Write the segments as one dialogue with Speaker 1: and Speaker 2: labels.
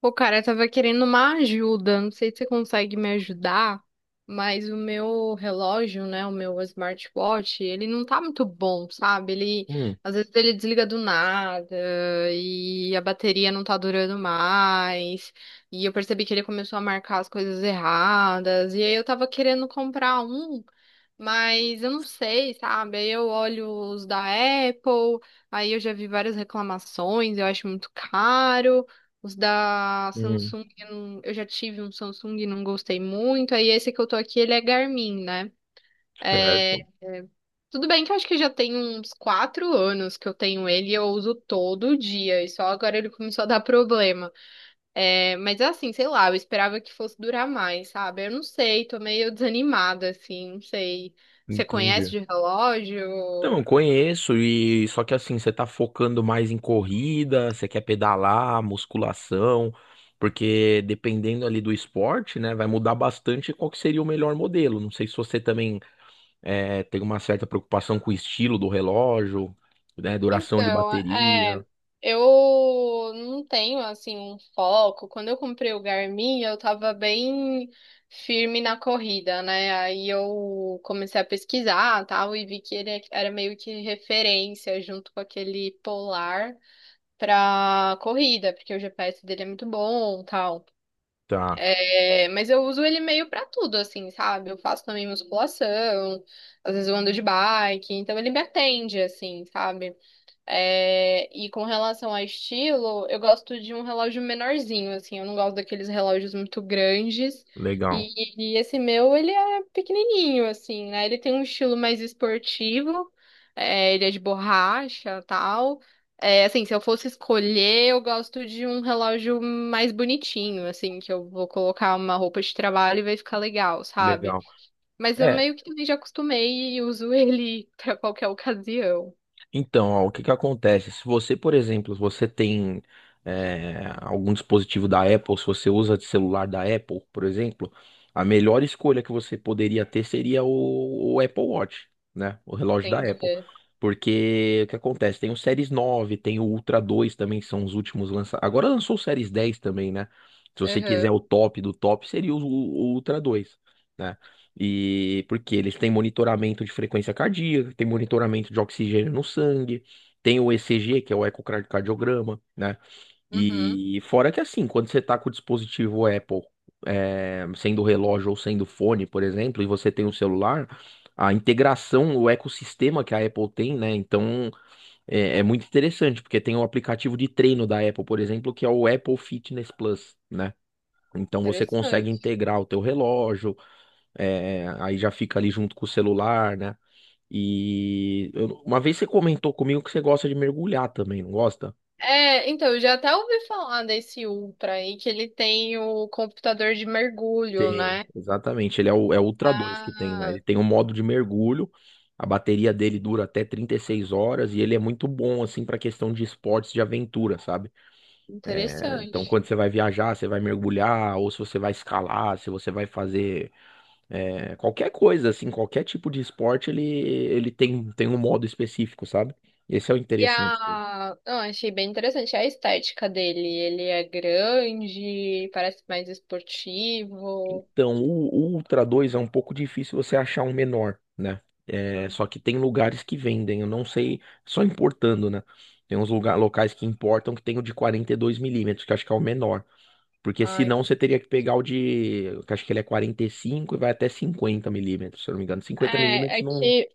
Speaker 1: Pô, cara, eu tava querendo uma ajuda. Não sei se você consegue me ajudar, mas o meu relógio, né, o meu smartwatch, ele não tá muito bom, sabe? Ele,
Speaker 2: Hum,
Speaker 1: às vezes ele desliga do nada e a bateria não tá durando mais. E eu percebi que ele começou a marcar as coisas erradas. E aí eu tava querendo comprar um. Mas eu não sei, sabe? Aí eu olho os da Apple, aí eu já vi várias reclamações, eu acho muito caro. Os da
Speaker 2: hum,
Speaker 1: Samsung, eu não- eu já tive um Samsung e não gostei muito. Aí esse que eu tô aqui, ele é Garmin, né? É,
Speaker 2: certo,
Speaker 1: é. Tudo bem que eu acho que já tem uns 4 anos que eu tenho ele e eu uso todo dia, e só agora ele começou a dar problema. É, mas assim, sei lá, eu esperava que fosse durar mais, sabe? Eu não sei, tô meio desanimada, assim, não sei. Você conhece
Speaker 2: entendi.
Speaker 1: de
Speaker 2: Então,
Speaker 1: relógio?
Speaker 2: eu conheço e só que assim, você tá focando mais em corrida, você quer pedalar, musculação, porque dependendo ali do esporte, né, vai mudar bastante qual que seria o melhor modelo. Não sei se você também tem uma certa preocupação com o estilo do relógio, né, duração de
Speaker 1: Então,
Speaker 2: bateria.
Speaker 1: é, eu não tenho assim um foco. Quando eu comprei o Garmin, eu tava bem firme na corrida, né? Aí eu comecei a pesquisar, tal, e vi que ele era meio que referência junto com aquele Polar pra corrida, porque o GPS dele é muito bom, tal.
Speaker 2: Tá,
Speaker 1: É, mas eu uso ele meio pra tudo, assim, sabe? Eu faço também musculação, às vezes eu ando de bike, então ele me atende, assim, sabe? É, e com relação a estilo, eu gosto de um relógio menorzinho, assim, eu não gosto daqueles relógios muito grandes.
Speaker 2: legal,
Speaker 1: E esse meu, ele é pequenininho, assim, né? Ele tem um estilo mais esportivo, é, ele é de borracha, tal. É, assim, se eu fosse escolher, eu gosto de um relógio mais bonitinho, assim, que eu vou colocar uma roupa de trabalho e vai ficar legal, sabe?
Speaker 2: legal.
Speaker 1: Mas eu
Speaker 2: É,
Speaker 1: meio que também já acostumei e uso ele pra qualquer ocasião.
Speaker 2: então, ó, o que que acontece? Se você, por exemplo, se você tem algum dispositivo da Apple, se você usa de celular da Apple, por exemplo, a melhor escolha que você poderia ter seria o Apple Watch, né? O relógio da Apple.
Speaker 1: Entendi.
Speaker 2: Porque o que acontece? Tem o Series 9, tem o Ultra 2 também, que são os últimos lançados. Agora lançou o Series 10 também, né? Se você quiser
Speaker 1: Aham.
Speaker 2: o top do top, seria o Ultra 2, né? E porque eles têm monitoramento de frequência cardíaca, tem monitoramento de oxigênio no sangue, tem o ECG, que é o ecocardiograma, né?
Speaker 1: Uhum,
Speaker 2: E fora que assim, quando você tá com o dispositivo Apple, sendo relógio ou sendo fone, por exemplo, e você tem o celular, a integração, o ecossistema que a Apple tem, né? Então é muito interessante, porque tem o aplicativo de treino da Apple, por exemplo, que é o Apple Fitness Plus, né? Então você consegue
Speaker 1: interessante.
Speaker 2: integrar o teu relógio, aí já fica ali junto com o celular, né? E uma vez você comentou comigo que você gosta de mergulhar também, não gosta?
Speaker 1: É, então, eu já até ouvi falar desse Ultra aí, que ele tem o computador de mergulho,
Speaker 2: Tem,
Speaker 1: né?
Speaker 2: exatamente. Ele é o Ultra 2 que tem, né?
Speaker 1: Ah,
Speaker 2: Ele tem um modo de mergulho. A bateria dele dura até 36 horas e ele é muito bom, assim, para questão de esportes de aventura, sabe? É, então,
Speaker 1: interessante.
Speaker 2: quando você vai viajar, você vai mergulhar, ou se você vai escalar, se você vai fazer qualquer coisa, assim, qualquer tipo de esporte, ele tem, um modo específico, sabe? Esse é o
Speaker 1: E
Speaker 2: interessante.
Speaker 1: a. Não, achei bem interessante a estética dele. Ele é grande, parece mais esportivo.
Speaker 2: Então, o Ultra 2 é um pouco difícil você achar um menor, né? É,
Speaker 1: Hum.
Speaker 2: só que tem lugares que vendem, eu não sei, só importando, né? Tem uns lugar, locais que importam que tem o de 42 milímetros, que eu acho que é o menor. Porque
Speaker 1: Ai.
Speaker 2: senão você teria que pegar o de, que eu acho que ele é 45 e cinco e vai até 50 milímetros, se eu não me engano. 50
Speaker 1: É,
Speaker 2: milímetros
Speaker 1: é
Speaker 2: não.
Speaker 1: que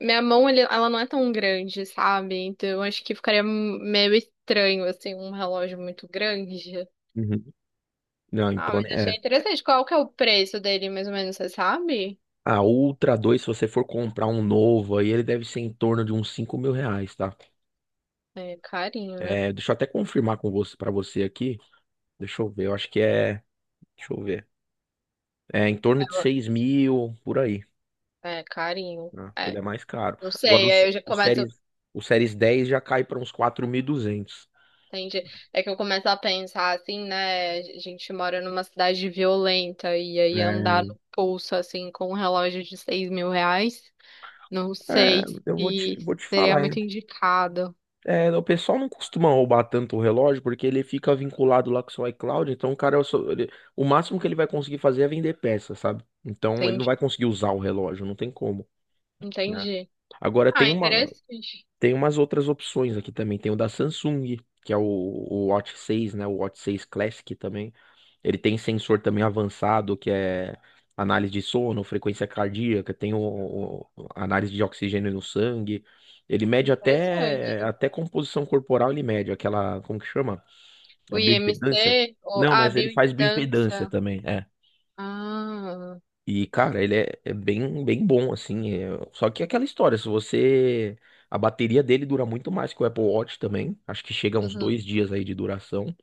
Speaker 1: minha mão, ele- ela não é tão grande, sabe? Então, eu acho que ficaria meio estranho, assim, um relógio muito grande.
Speaker 2: Uhum. Não,
Speaker 1: Ah,
Speaker 2: então,
Speaker 1: mas
Speaker 2: né,
Speaker 1: achei
Speaker 2: é.
Speaker 1: interessante. Qual que é o preço dele, mais ou menos, você sabe?
Speaker 2: A Ultra 2, se você for comprar um novo, aí ele deve ser em torno de uns 5.000 reais, tá?
Speaker 1: É carinho, né?
Speaker 2: É, deixa eu até confirmar com você, para você aqui. Deixa eu ver, eu acho que é. Deixa eu ver. É em torno de 6.000, por aí.
Speaker 1: É carinho.
Speaker 2: Né? Ele
Speaker 1: É,
Speaker 2: é mais caro.
Speaker 1: não
Speaker 2: Agora, o,
Speaker 1: sei,
Speaker 2: S-
Speaker 1: aí eu já
Speaker 2: o
Speaker 1: começo,
Speaker 2: Series, o Series 10 já cai para uns 4.200.
Speaker 1: entende? É que eu começo a pensar assim, né? A gente mora numa cidade violenta e aí andar
Speaker 2: É,
Speaker 1: no pulso, assim, com um relógio de 6 mil reais, não sei
Speaker 2: eu vou te,
Speaker 1: se
Speaker 2: vou te
Speaker 1: seria
Speaker 2: falar, hein?
Speaker 1: muito indicado.
Speaker 2: É, o pessoal não costuma roubar tanto o relógio porque ele fica vinculado lá com o seu iCloud. Então, o máximo que ele vai conseguir fazer é vender peça, sabe? Então, ele não
Speaker 1: Entendi.
Speaker 2: vai conseguir usar o relógio, não tem como. Né?
Speaker 1: Entendi.
Speaker 2: Agora,
Speaker 1: Ah, interessante.
Speaker 2: Tem umas outras opções aqui também. Tem o da Samsung, que é o Watch 6, né? O Watch 6 Classic também. Ele tem sensor também avançado, que é análise de sono, frequência cardíaca, tem análise de oxigênio no sangue. Ele mede até,
Speaker 1: Interessante.
Speaker 2: composição corporal, ele mede aquela, como que chama?
Speaker 1: O
Speaker 2: A
Speaker 1: IMC,
Speaker 2: bioimpedância?
Speaker 1: ou,
Speaker 2: Não,
Speaker 1: ah,
Speaker 2: mas ele faz
Speaker 1: bioimpedância.
Speaker 2: bioimpedância também. É.
Speaker 1: Ah.
Speaker 2: E, cara, ele é bem, bem bom, assim. Só que é aquela história, se você. A bateria dele dura muito mais que o Apple Watch também. Acho que chega a uns
Speaker 1: Uhum.
Speaker 2: 2 dias aí de duração,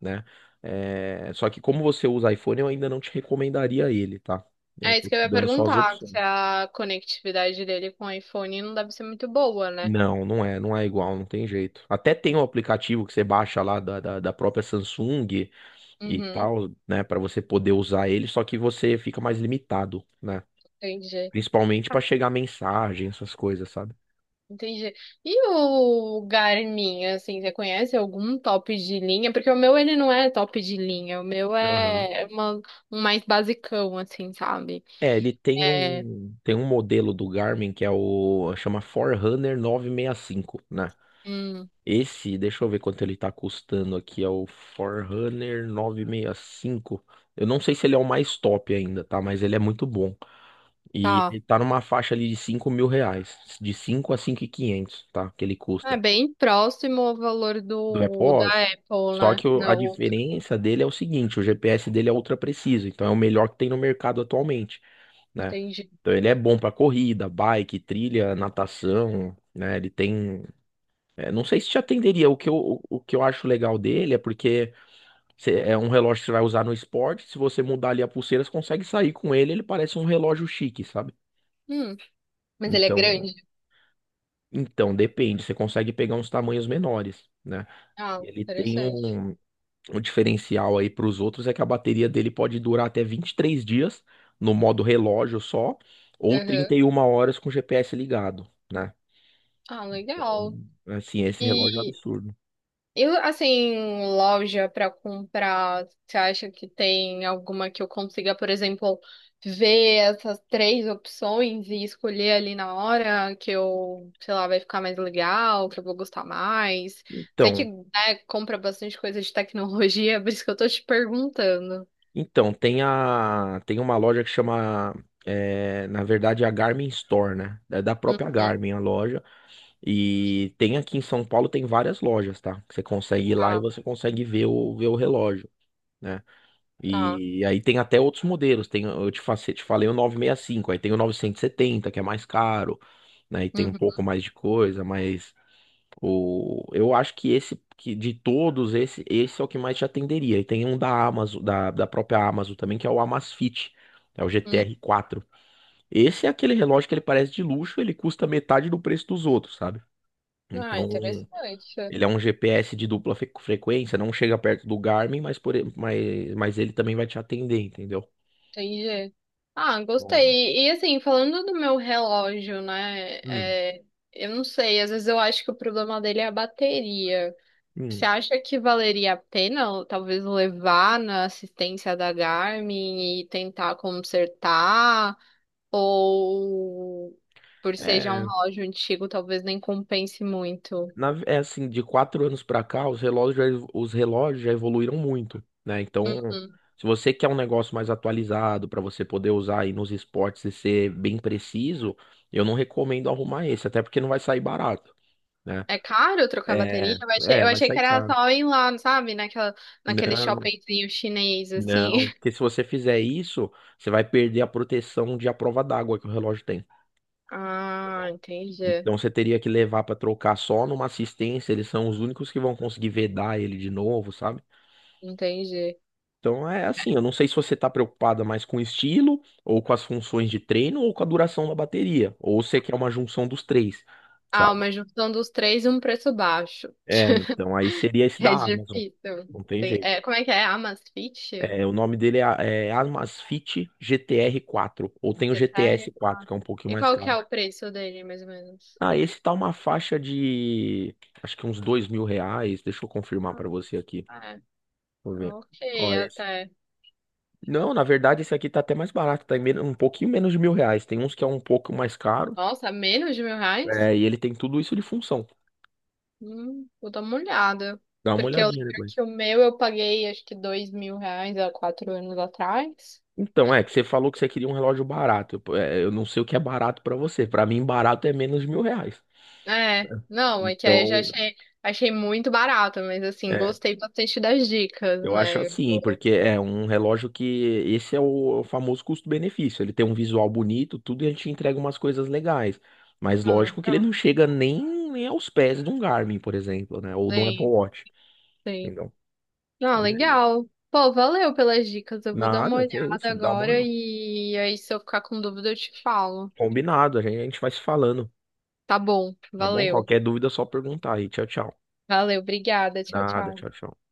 Speaker 2: né? É, só que como você usa iPhone, eu ainda não te recomendaria ele, tá? É,
Speaker 1: É isso
Speaker 2: tô
Speaker 1: que eu ia
Speaker 2: dando só as
Speaker 1: perguntar,
Speaker 2: opções.
Speaker 1: se a conectividade dele com o iPhone não deve ser muito boa, né?
Speaker 2: Não, não é igual, não tem jeito. Até tem um aplicativo que você baixa lá da própria Samsung e
Speaker 1: Uhum,
Speaker 2: tal, né, pra você poder usar ele, só que você fica mais limitado, né?
Speaker 1: entendi,
Speaker 2: Principalmente pra chegar mensagem, essas coisas, sabe?
Speaker 1: entendi. E o Garmin, assim, você conhece algum top de linha? Porque o meu, ele não é top de linha, o meu
Speaker 2: Aham.
Speaker 1: é uma- um mais basicão, assim, sabe?
Speaker 2: É, ele tem
Speaker 1: É,
Speaker 2: um, tem um modelo do Garmin que chama Forerunner 965, né?
Speaker 1: hum,
Speaker 2: Esse, deixa eu ver quanto ele tá custando aqui, é o Forerunner 965. Eu não sei se ele é o mais top ainda, tá? Mas ele é muito bom. E
Speaker 1: tá.
Speaker 2: ele tá numa faixa ali de 5.000 reais, de 5 a 5.500, tá? Que ele
Speaker 1: É
Speaker 2: custa.
Speaker 1: bem próximo ao valor
Speaker 2: Do Apple
Speaker 1: do
Speaker 2: Watch.
Speaker 1: da Apple,
Speaker 2: Só
Speaker 1: né?
Speaker 2: que o-
Speaker 1: Da
Speaker 2: a
Speaker 1: outra,
Speaker 2: diferença dele é o seguinte, o GPS dele é ultra preciso, então é o melhor que tem no mercado atualmente, né?
Speaker 1: entendi.
Speaker 2: Então ele é bom pra corrida, bike, trilha, natação, né? Ele tem, não sei se te atenderia. O que eu acho legal dele é porque é um relógio que você vai usar no esporte. Se você mudar ali a pulseira, você consegue sair com ele. Ele parece um relógio chique, sabe?
Speaker 1: Hum, mas ele é
Speaker 2: Então,
Speaker 1: grande?
Speaker 2: então depende. Você consegue pegar uns tamanhos menores, né?
Speaker 1: Ah,
Speaker 2: E ele tem
Speaker 1: interessante.
Speaker 2: um diferencial aí para os outros é que a bateria dele pode durar até 23 dias no modo relógio só, ou trinta
Speaker 1: Uhum.
Speaker 2: e uma horas com o GPS ligado, né?
Speaker 1: Ah,
Speaker 2: Então,
Speaker 1: legal.
Speaker 2: assim, esse relógio é um
Speaker 1: E
Speaker 2: absurdo.
Speaker 1: E assim, loja para comprar, você acha que tem alguma que eu consiga, por exemplo, ver essas três opções e escolher ali na hora que eu, sei lá, vai ficar mais legal, que eu vou gostar mais? Sei que,
Speaker 2: Então,
Speaker 1: né, compra bastante coisa de tecnologia, por isso que eu tô te perguntando.
Speaker 2: então tem uma loja que chama na verdade é a Garmin Store, né? É da própria
Speaker 1: Uhum,
Speaker 2: Garmin a loja e tem aqui em São Paulo tem várias lojas, tá? Você consegue ir lá e
Speaker 1: tá,
Speaker 2: você consegue ver o relógio. Né?
Speaker 1: tá.
Speaker 2: E aí tem até outros modelos. Tem, eu te, fa- te falei o 965, aí tem o 970, que é mais caro, né? E tem um
Speaker 1: Uhum,
Speaker 2: pouco mais de coisa, mas O, eu acho que esse que de todos, esse é o que mais te atenderia. E tem um da Amazon, da própria Amazon também, que é o Amazfit, é o
Speaker 1: uhum.
Speaker 2: GTR4. Esse é aquele relógio que ele parece de luxo, ele custa metade do preço dos outros, sabe?
Speaker 1: Ah,
Speaker 2: Então,
Speaker 1: interessante.
Speaker 2: ele é um GPS de dupla frequência, não chega perto do Garmin, mas ele também vai te atender, entendeu?
Speaker 1: Entendi. Ah,
Speaker 2: Então,
Speaker 1: gostei. E assim, falando do meu relógio, né?
Speaker 2: hum,
Speaker 1: É, eu não sei, às vezes eu acho que o problema dele é a bateria. Você
Speaker 2: hum.
Speaker 1: acha que valeria a pena, talvez, levar na assistência da Garmin e tentar consertar? Ou por ser já um
Speaker 2: É,
Speaker 1: relógio antigo, talvez nem compense muito?
Speaker 2: é assim, de 4 anos pra cá, os relógios já evoluíram muito, né? Então,
Speaker 1: Hum.
Speaker 2: se você quer um negócio mais atualizado pra você poder usar aí nos esportes e ser bem preciso, eu não recomendo arrumar esse, até porque não vai sair barato, né?
Speaker 1: É caro trocar bateria? Eu
Speaker 2: Vai
Speaker 1: achei que
Speaker 2: sair
Speaker 1: era
Speaker 2: caro.
Speaker 1: só ir lá, sabe? Naquele
Speaker 2: Não,
Speaker 1: shoppingzinho chinês,
Speaker 2: não,
Speaker 1: assim.
Speaker 2: porque se você fizer isso, você vai perder a proteção de à prova d'água que o relógio tem,
Speaker 1: Ah,
Speaker 2: entendeu?
Speaker 1: entendi.
Speaker 2: Então você teria que levar pra trocar só numa assistência, eles são os únicos que vão conseguir vedar ele de novo, sabe?
Speaker 1: Entendi.
Speaker 2: Então é assim, eu não sei se você está preocupada mais com o estilo, ou com as funções de treino, ou com a duração da bateria, ou você quer uma junção dos três,
Speaker 1: Ah,
Speaker 2: sabe?
Speaker 1: uma junção dos três e um preço baixo.
Speaker 2: É, então aí seria esse da
Speaker 1: É
Speaker 2: Amazon.
Speaker 1: difícil.
Speaker 2: Não tem jeito.
Speaker 1: É, como é que é? Amasfit?
Speaker 2: É, o nome dele é Amazfit GTR4, ou tem o GTS
Speaker 1: Detalhe.
Speaker 2: 4, que é um pouquinho
Speaker 1: E
Speaker 2: mais
Speaker 1: qual que é
Speaker 2: caro.
Speaker 1: o preço dele, mais ou menos?
Speaker 2: Ah, esse tá uma faixa de, acho que uns 2.000 reais, deixa eu confirmar para você aqui,
Speaker 1: Ah, é.
Speaker 2: vou ver.
Speaker 1: Ok,
Speaker 2: Ó, esse.
Speaker 1: até.
Speaker 2: Não, na verdade esse aqui tá até mais barato, tá em menos, um pouquinho menos de 1.000 reais, tem uns que é um pouco mais caro.
Speaker 1: Nossa, menos de 1 mil reais?
Speaker 2: É, e ele tem tudo isso de função.
Speaker 1: Vou dar uma olhada.
Speaker 2: Dá uma
Speaker 1: Porque eu
Speaker 2: olhadinha
Speaker 1: lembro
Speaker 2: depois.
Speaker 1: que o meu eu paguei acho que 2 mil reais há 4 anos atrás.
Speaker 2: Então, é que você falou que você queria um relógio barato. Eu não sei o que é barato pra você. Pra mim, barato é menos de 1.000 reais,
Speaker 1: É,
Speaker 2: né?
Speaker 1: não, é que aí eu já
Speaker 2: Então,
Speaker 1: achei, achei muito barato, mas assim,
Speaker 2: é,
Speaker 1: gostei bastante das dicas,
Speaker 2: eu acho
Speaker 1: né? Eu
Speaker 2: assim,
Speaker 1: vou-
Speaker 2: porque é um relógio que esse é o famoso custo-benefício. Ele tem um visual bonito, tudo, e a gente entrega umas coisas legais. Mas
Speaker 1: Ah,
Speaker 2: lógico que ele
Speaker 1: legal.
Speaker 2: não chega nem, nem aos pés de um Garmin, por exemplo, né? Ou de um Apple
Speaker 1: Sim,
Speaker 2: Watch.
Speaker 1: sim.
Speaker 2: Entendeu?
Speaker 1: Ah,
Speaker 2: Mas é isso.
Speaker 1: legal. Pô, valeu pelas dicas. Eu vou dar uma
Speaker 2: Nada, que é
Speaker 1: olhada
Speaker 2: isso. Dá uma.
Speaker 1: agora
Speaker 2: olhada.
Speaker 1: e aí se eu ficar com dúvida eu te falo.
Speaker 2: Combinado, a gente vai se falando.
Speaker 1: Tá bom,
Speaker 2: Tá bom?
Speaker 1: valeu.
Speaker 2: Qualquer dúvida é só perguntar aí. Tchau, tchau.
Speaker 1: Valeu, obrigada. Tchau,
Speaker 2: Nada, tchau,
Speaker 1: tchau.
Speaker 2: tchau.